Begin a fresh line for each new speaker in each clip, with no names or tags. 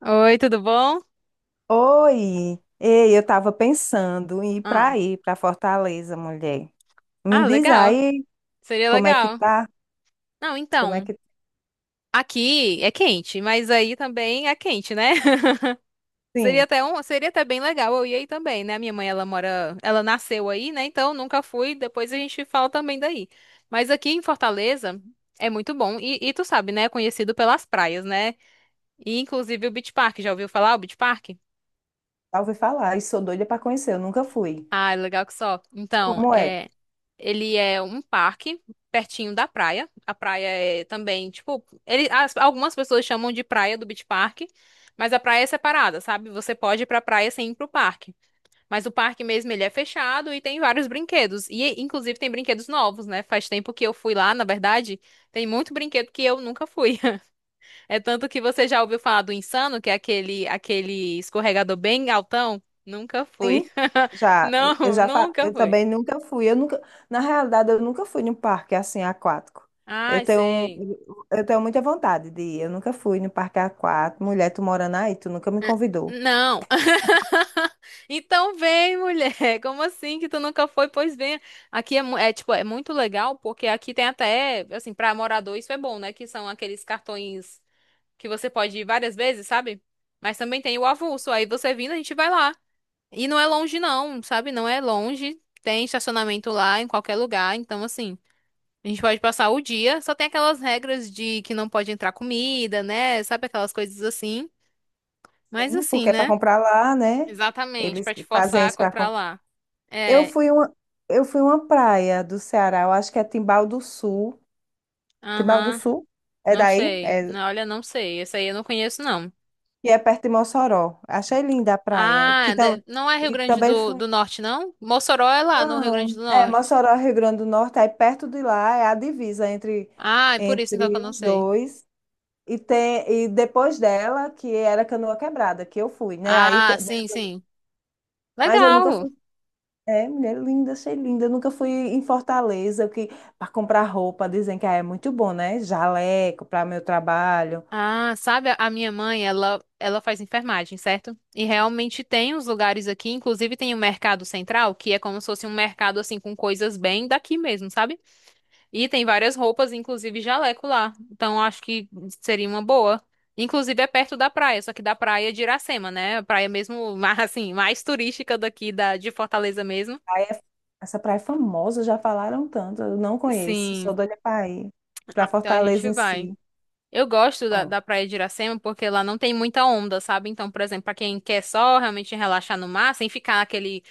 Oi, tudo bom?
Oi, ei, eu estava pensando em ir para
Ah,
aí, para Fortaleza, mulher. Me
ah,
diz
legal.
aí
Seria
como é que
legal.
tá?
Não,
Como é
então,
que
aqui é quente, mas aí também é quente, né?
sim?
Seria até bem legal eu ir aí também, né? Minha mãe, ela nasceu aí, né? Então nunca fui, depois a gente fala também daí. Mas aqui em Fortaleza é muito bom e tu sabe, né? É conhecido pelas praias, né? E inclusive o Beach Park, já ouviu falar o Beach Park?
Já ouvi falar e sou doida para conhecer, eu nunca fui.
Ah, é legal que só. Então,
Como é?
é Ele é um parque pertinho da praia. A praia é também, tipo, ele, algumas pessoas chamam de praia do Beach Park, mas a praia é separada, sabe? Você pode ir pra praia sem ir pro parque. Mas o parque mesmo, ele é fechado e tem vários brinquedos. E, inclusive, tem brinquedos novos, né? Faz tempo que eu fui lá, na verdade, tem muito brinquedo que eu nunca fui. É tanto que você já ouviu falar do Insano, que é aquele escorregador bem altão? Nunca fui.
Sim? Já,
Não, nunca
eu
fui.
também nunca fui. Eu nunca, na realidade, eu nunca fui num parque assim aquático. Eu
Ai,
tenho,
sei.
um- eu tenho muita vontade de ir. Eu nunca fui no parque aquático. Mulher, tu morando aí, tu nunca me
Ah,
convidou.
não. Então vem, mulher. Como assim que tu nunca foi? Pois vem. Aqui é, tipo, é muito legal porque aqui tem até, assim, para morador isso é bom, né? Que são aqueles cartões que você pode ir várias vezes, sabe? Mas também tem o avulso. Aí você vindo, a gente vai lá. E não é longe não, sabe? Não é longe. Tem estacionamento lá em qualquer lugar, então assim, a gente pode passar o dia. Só tem aquelas regras de que não pode entrar comida, né? Sabe aquelas coisas assim. Mas
Sim,
assim,
porque é para
né?
comprar lá, né?
Exatamente,
Eles
pra te
que fazem
forçar a
isso para
comprar lá.
Eu
É,
fui uma, eu fui uma praia do Ceará, eu acho que é Timbal do Sul. Timbal do
aham,
Sul? É
não
daí?
sei.
É,
Não, olha, não sei. Essa aí eu não conheço, não.
que é perto de Mossoró. Achei linda a praia. Que
Ah,
tam,
não é Rio
e
Grande
também
do,
fui.
do Norte, não? Mossoró é lá no Rio Grande
Não,
do
é
Norte.
Mossoró, Rio Grande do Norte, aí perto de lá é a divisa entre,
Ah, é por isso então que eu
entre
não
os
sei.
dois. E depois dela, que era Canoa Quebrada, que eu fui, né?
Ah, sim, sim.
Mas eu nunca
Legal.
fui. É, mulher linda, achei linda. Eu nunca fui em Fortaleza que para comprar roupa, dizem que ah, é muito bom, né? Jaleco para meu trabalho.
Ah, sabe, a minha mãe, ela faz enfermagem, certo? E realmente tem uns lugares aqui, inclusive tem o Mercado Central, que é como se fosse um mercado, assim, com coisas bem daqui mesmo, sabe? E tem várias roupas, inclusive jaleco lá. Então acho que seria uma boa. Inclusive é perto da praia, só que da praia de Iracema, né? A praia mesmo, assim, mais turística daqui de Fortaleza mesmo.
Praia- essa praia é famosa, já falaram tanto. Eu não conheço, sou
Sim.
doida para ir para
Ah, então a gente
Fortaleza em
vai.
si.
Eu gosto
Pronto.
da praia de Iracema porque lá não tem muita onda, sabe? Então, por exemplo, pra quem quer só realmente relaxar no mar, sem ficar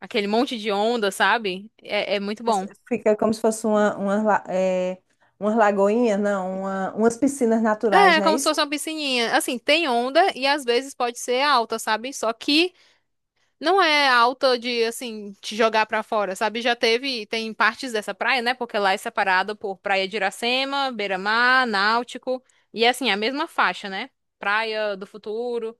aquele monte de onda, sabe? É, muito bom.
Fica como se fosse é, umas lagoinhas, não, uma- umas piscinas
É,
naturais,
é
não é
como se
isso?
fosse uma piscininha. Assim, tem onda e às vezes pode ser alta, sabe? Só que não é alta de, assim, te jogar pra fora, sabe? Tem partes dessa praia, né? Porque lá é separada por Praia de Iracema, Beira-Mar, Náutico. E, assim, é a mesma faixa, né? Praia do Futuro.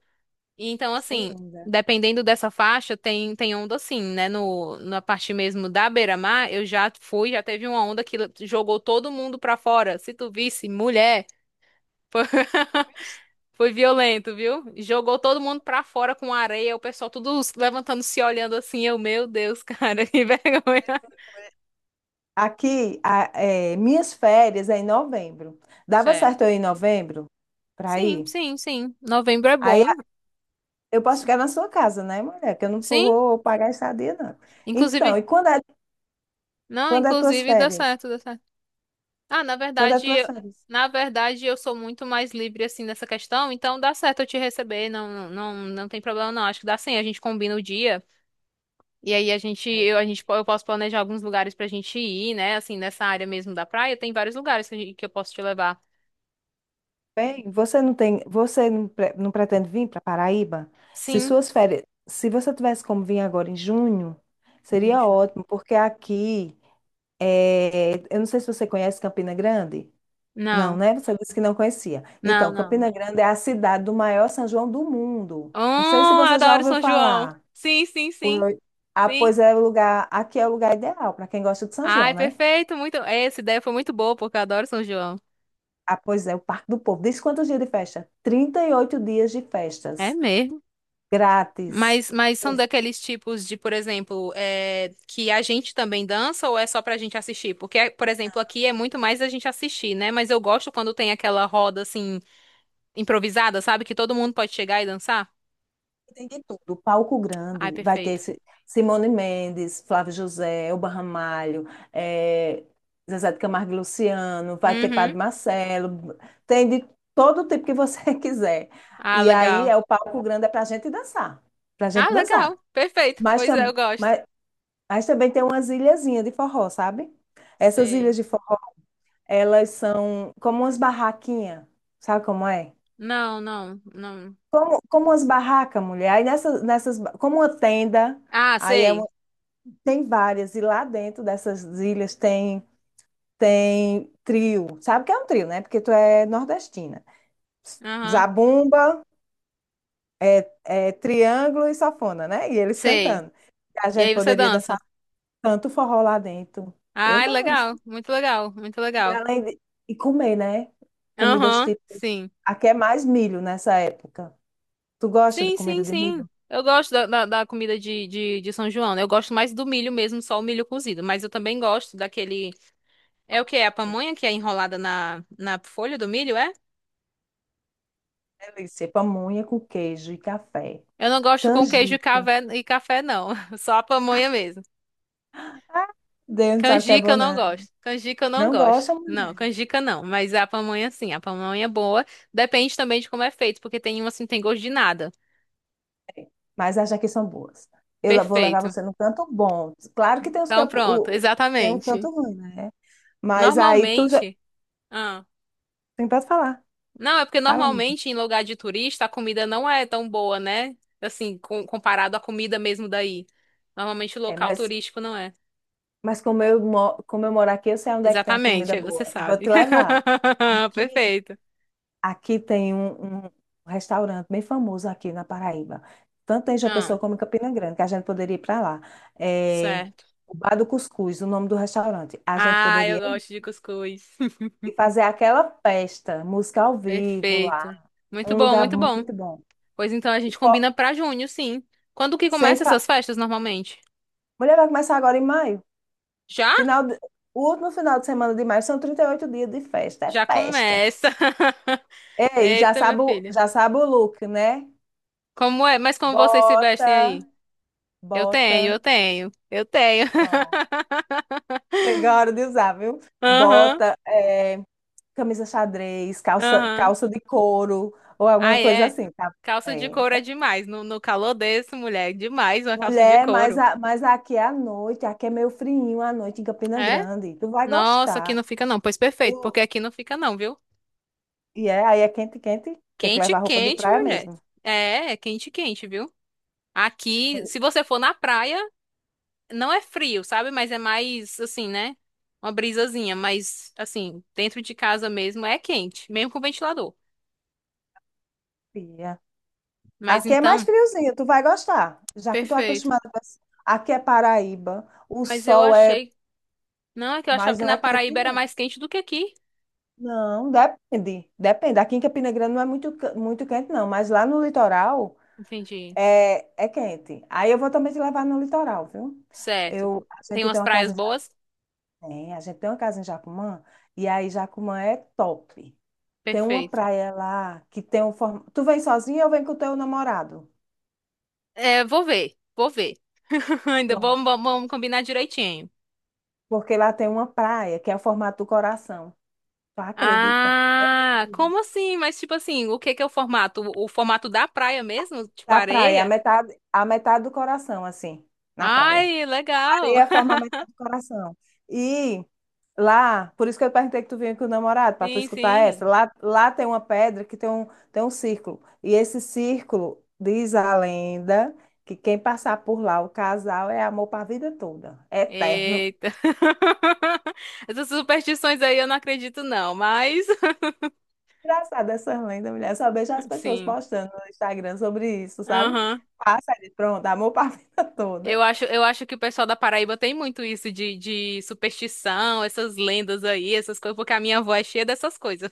E, então,
Deve ser
assim,
linda.
dependendo dessa faixa, tem onda, assim, né? No, na parte mesmo da Beira-Mar, eu já fui, já teve uma onda que jogou todo mundo pra fora. Se tu visse, mulher. Foi violento, viu? Jogou todo mundo pra fora com areia, o pessoal tudo levantando, se olhando assim. Eu, meu Deus, cara, que vergonha.
Aqui, a- é, minhas férias é em novembro. Dava
É.
certo eu ir em novembro para
Sim,
ir?
sim, sim. Novembro é
Aí
bom.
eu posso ficar na sua casa, né, mulher? Que eu não
Sim,
vou pagar a estadia, não.
inclusive.
Então, e quando é,
Não,
quando é tuas
inclusive dá
férias?
certo, dá certo. Ah,
Quando é tuas férias?
na verdade eu sou muito mais livre assim nessa questão, então dá certo eu te receber, não, não, não tem problema não. Acho que dá sim, a gente combina o dia. E aí a gente, eu, a gente, po- eu posso planejar alguns lugares pra gente ir, né? Assim, nessa área mesmo da praia, tem vários lugares que, que eu posso te levar.
Bem, você não tem, você não, pre- não pretende vir para Paraíba? Se
Sim.
suas férias, se você tivesse como vir agora em junho, seria
Ixi,
ótimo, porque aqui, é, eu não sei se você conhece Campina Grande. Não,
não,
né? Você disse que não conhecia.
não,
Então,
não.
Campina Grande é a cidade do maior São João do mundo. Não sei se
Oh,
você já
adoro
ouviu
São João.
falar.
Sim, sim, sim,
Pois- Ah,
sim.
pois é o lugar, aqui é o lugar ideal para quem gosta de São
Ai,
João, né?
perfeito, muito. Essa ideia foi muito boa, porque eu adoro São João.
Ah, pois é, o Parque do Povo. Diz quantos dias de festa? 38 dias de
É
festas,
mesmo.
grátis.
Mas, são
Esse-
daqueles tipos de, por exemplo, que a gente também dança ou é só pra gente assistir? Porque, por exemplo, aqui é muito mais a gente assistir, né? Mas eu gosto quando tem aquela roda assim, improvisada, sabe? Que todo mundo pode chegar e dançar.
Tem de tudo, palco
Ai,
grande, vai ter
perfeito.
Simone Mendes, Flávio José, Elba Ramalho, eh, Zezé de Camargo e Luciano, vai ter Padre
Uhum.
Marcelo, tem de todo tipo que você quiser.
Ah,
E aí
legal.
é o palco grande, é para a gente dançar, para a
Ah,
gente
legal.
dançar.
Perfeito.
Mas
Pois é, eu
também.
gosto.
Mas também tem umas ilhazinhas de forró, sabe? Essas ilhas
Sei.
de forró, elas são como umas barraquinhas, sabe como é?
Não, não, não.
Como, como umas barracas, mulher. Aí nessas, nessas, ba- como uma tenda,
Ah,
aí é
sei.
uma- tem várias, e lá dentro dessas ilhas tem, tem trio. Sabe o que é um trio, né? Porque tu é nordestina.
Aham.
Zabumba, é, é triângulo e sanfona, né? E eles
Sei.
cantando. A
E
gente
aí você
poderia
dança.
dançar tanto forró lá dentro. Eu
Ai,
danço.
legal. Muito legal, muito
E
legal.
além de... E comer, né? Comidas
Aham,
típicas.
sim.
Aqui é mais milho nessa época. Tu gosta de
Sim,
comida
sim,
de milho?
sim. Eu gosto da comida de São João, né? Eu gosto mais do milho mesmo, só o milho cozido. Mas eu também gosto daquele. É o que? É a
Sim.
pamonha que é enrolada na folha do milho, é?
Delícia. Pamonha com queijo e café.
Eu não gosto com queijo e
Canjica.
café, não. Só a pamonha mesmo.
Deus não sabe o que é
Canjica
bom,
eu não
não.
gosto. Canjica eu não
Não
gosto.
gosta,
Não,
mulher.
canjica não. Mas a pamonha sim. A pamonha é boa. Depende também de como é feito, porque tem uma assim, que tem gosto de nada.
Mas acha que são boas. Vou levar
Perfeito.
você num canto bom. Claro que tem os
Então
campos,
pronto,
tem um
exatamente.
canto ruim, né? Mas aí tu já
Normalmente. Ah,
tem para falar.
não, é porque
Fala, amiga.
normalmente em lugar de turista a comida não é tão boa, né? Assim, comparado à comida mesmo daí. Normalmente o
É,
local turístico não é.
mas como eu moro aqui, eu sei onde é que tem a
Exatamente,
comida
aí você
boa. E vou
sabe.
te levar. Aqui
Perfeito.
aqui tem um restaurante bem famoso aqui na Paraíba, tanto em João
Ah.
Pessoa como em Campina Grande, que a gente poderia ir para lá. É,
Certo.
o Bar do Cuscuz, o nome do restaurante. A gente
Ah, eu
poderia ir
gosto de cuscuz.
e fazer aquela festa, música ao vivo lá,
Perfeito. Muito
um
bom,
lugar
muito bom.
muito bom.
Pois então a
E
gente
fo-
combina pra junho, sim. Quando que
sem
começa
fa...
essas festas normalmente?
Mulher vai começar agora em maio.
Já?
Final de- O último final de semana de maio são 38 dias de festa, é
Já
festa.
começa.
Ei, já
Eita, minha
sabe,
filha.
já sabe o look, né?
Como é? Mas como vocês se
Bota,
vestem aí? Eu
bota.
tenho, eu tenho, eu tenho.
Pronto. Chegou a hora de usar, viu?
Aham,
Bota é, camisa xadrez, calça,
aham.
calça de couro ou
Ah,
alguma coisa
é.
assim, tá?
Calça de
É,
couro é
é
demais. No calor desse, mulher, é demais uma calça de
mulher, mas,
couro.
mas aqui é à noite, aqui é meio frinho à noite em Campina
É?
Grande. Tu vai
Nossa, aqui
gostar.
não fica não. Pois perfeito, porque
O-
aqui não fica não, viu?
e é, aí é quente, quente. Tem que
Quente,
levar roupa de
quente,
praia
mulher.
mesmo.
É, quente, quente, viu? Aqui, se você for na praia, não é frio, sabe? Mas é mais assim, né? Uma brisazinha, mas assim, dentro de casa mesmo é quente, mesmo com ventilador.
Fia.
Mas
Aqui é mais
então,
friozinho, tu vai gostar, já que tu é
perfeito.
acostumada com esse- Aqui é Paraíba, o
Mas eu
sol é,
achei, não, é que eu achava
mas
que
não
na
é quente.
Paraíba era mais quente do que aqui.
Não, depende. Depende. Aqui em Campina Grande não é muito quente, não. Mas lá no litoral
Entendi.
é, é quente. Aí eu vou também te levar no litoral, viu? Eu,
Certo.
a
Tem
gente tem
umas
uma casa
praias
em
boas?
Jacumã, a gente tem uma casa em Jacumã, e aí Jacumã é top. Tem uma
Perfeito.
praia lá que tem um formato. Tu vem sozinha ou vem com o teu namorado?
É, vou ver, vou ver. Ainda
Pronto.
vamos, vamos combinar direitinho.
Porque lá tem uma praia que é o formato do coração. Tu acredita?
Ah, como assim? Mas tipo assim, o que que é o formato? O formato da praia mesmo? Tipo
Da praia,
areia?
a metade do coração, assim, na praia.
Ai,
Tem
legal.
a forma metade do coração. E lá, por isso que eu perguntei que tu vinha com o namorado, para tu
Sim,
escutar
sim.
essa. Lá tem uma pedra que tem tem um círculo. E esse círculo, diz a lenda, que quem passar por lá, o casal, é amor para a vida toda. É eterno.
Eita. Essas superstições aí eu não acredito não, mas
Engraçado essas lendas, mulher. Eu só vejo as pessoas
sim.
postando no Instagram sobre isso, sabe?
Aham.
Passa ali, pronto, amor para a vida toda.
Eu acho que o pessoal da Paraíba tem muito isso de superstição, essas lendas aí, essas coisas, porque a minha avó é cheia dessas coisas.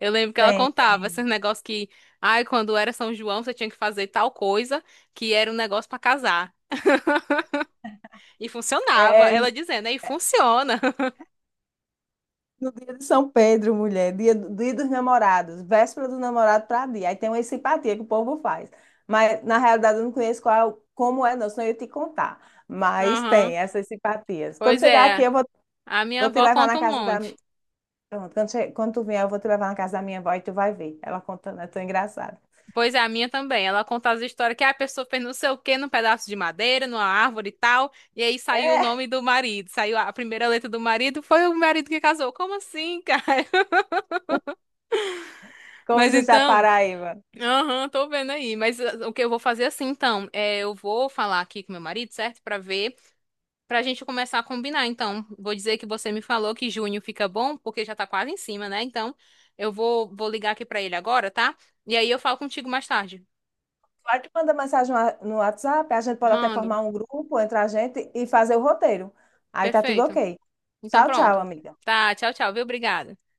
Eu lembro que ela
Tem.
contava esses negócios que, ai, quando era São João, você tinha que fazer tal coisa, que era um negócio pra casar. E
É,
funcionava,
é
ela dizendo, aí funciona.
no dia de São Pedro, mulher, dia, do dia dos namorados, véspera do namorado para dia. Aí tem uma simpatia que o povo faz. Mas, na realidade, eu não conheço qual, como é, não, senão eu ia te contar. Mas
Aham.
tem essas simpatias. Quando
Pois
chegar aqui,
é,
eu vou,
a minha
vou te
avó
levar na
conta um
casa da.
monte.
Pronto, quando tu vier, eu vou te levar na casa da minha avó e tu vai ver. Ela contando, é tão engraçado.
Pois é, a minha também. Ela conta as histórias que a pessoa fez não sei o quê num pedaço de madeira, numa árvore e tal. E aí saiu o nome do marido. Saiu a primeira letra do marido. Foi o marido que casou. Como assim, cara? Mas
Coisas da
então,
Paraíba.
aham, tô vendo aí. Mas o que eu vou fazer é assim, então? É, eu vou falar aqui com meu marido, certo? Pra ver, pra gente começar a combinar. Então, vou dizer que você me falou que junho fica bom, porque já tá quase em cima, né? Então, vou ligar aqui pra ele agora, tá? E aí eu falo contigo mais tarde.
Aí tu manda mensagem no WhatsApp, a gente pode até
Mando.
formar um grupo entre a gente e fazer o roteiro. Aí tá tudo
Perfeito.
ok.
Então
Tchau, tchau,
pronto.
amiga.
Tá, tchau, tchau, viu? Obrigada.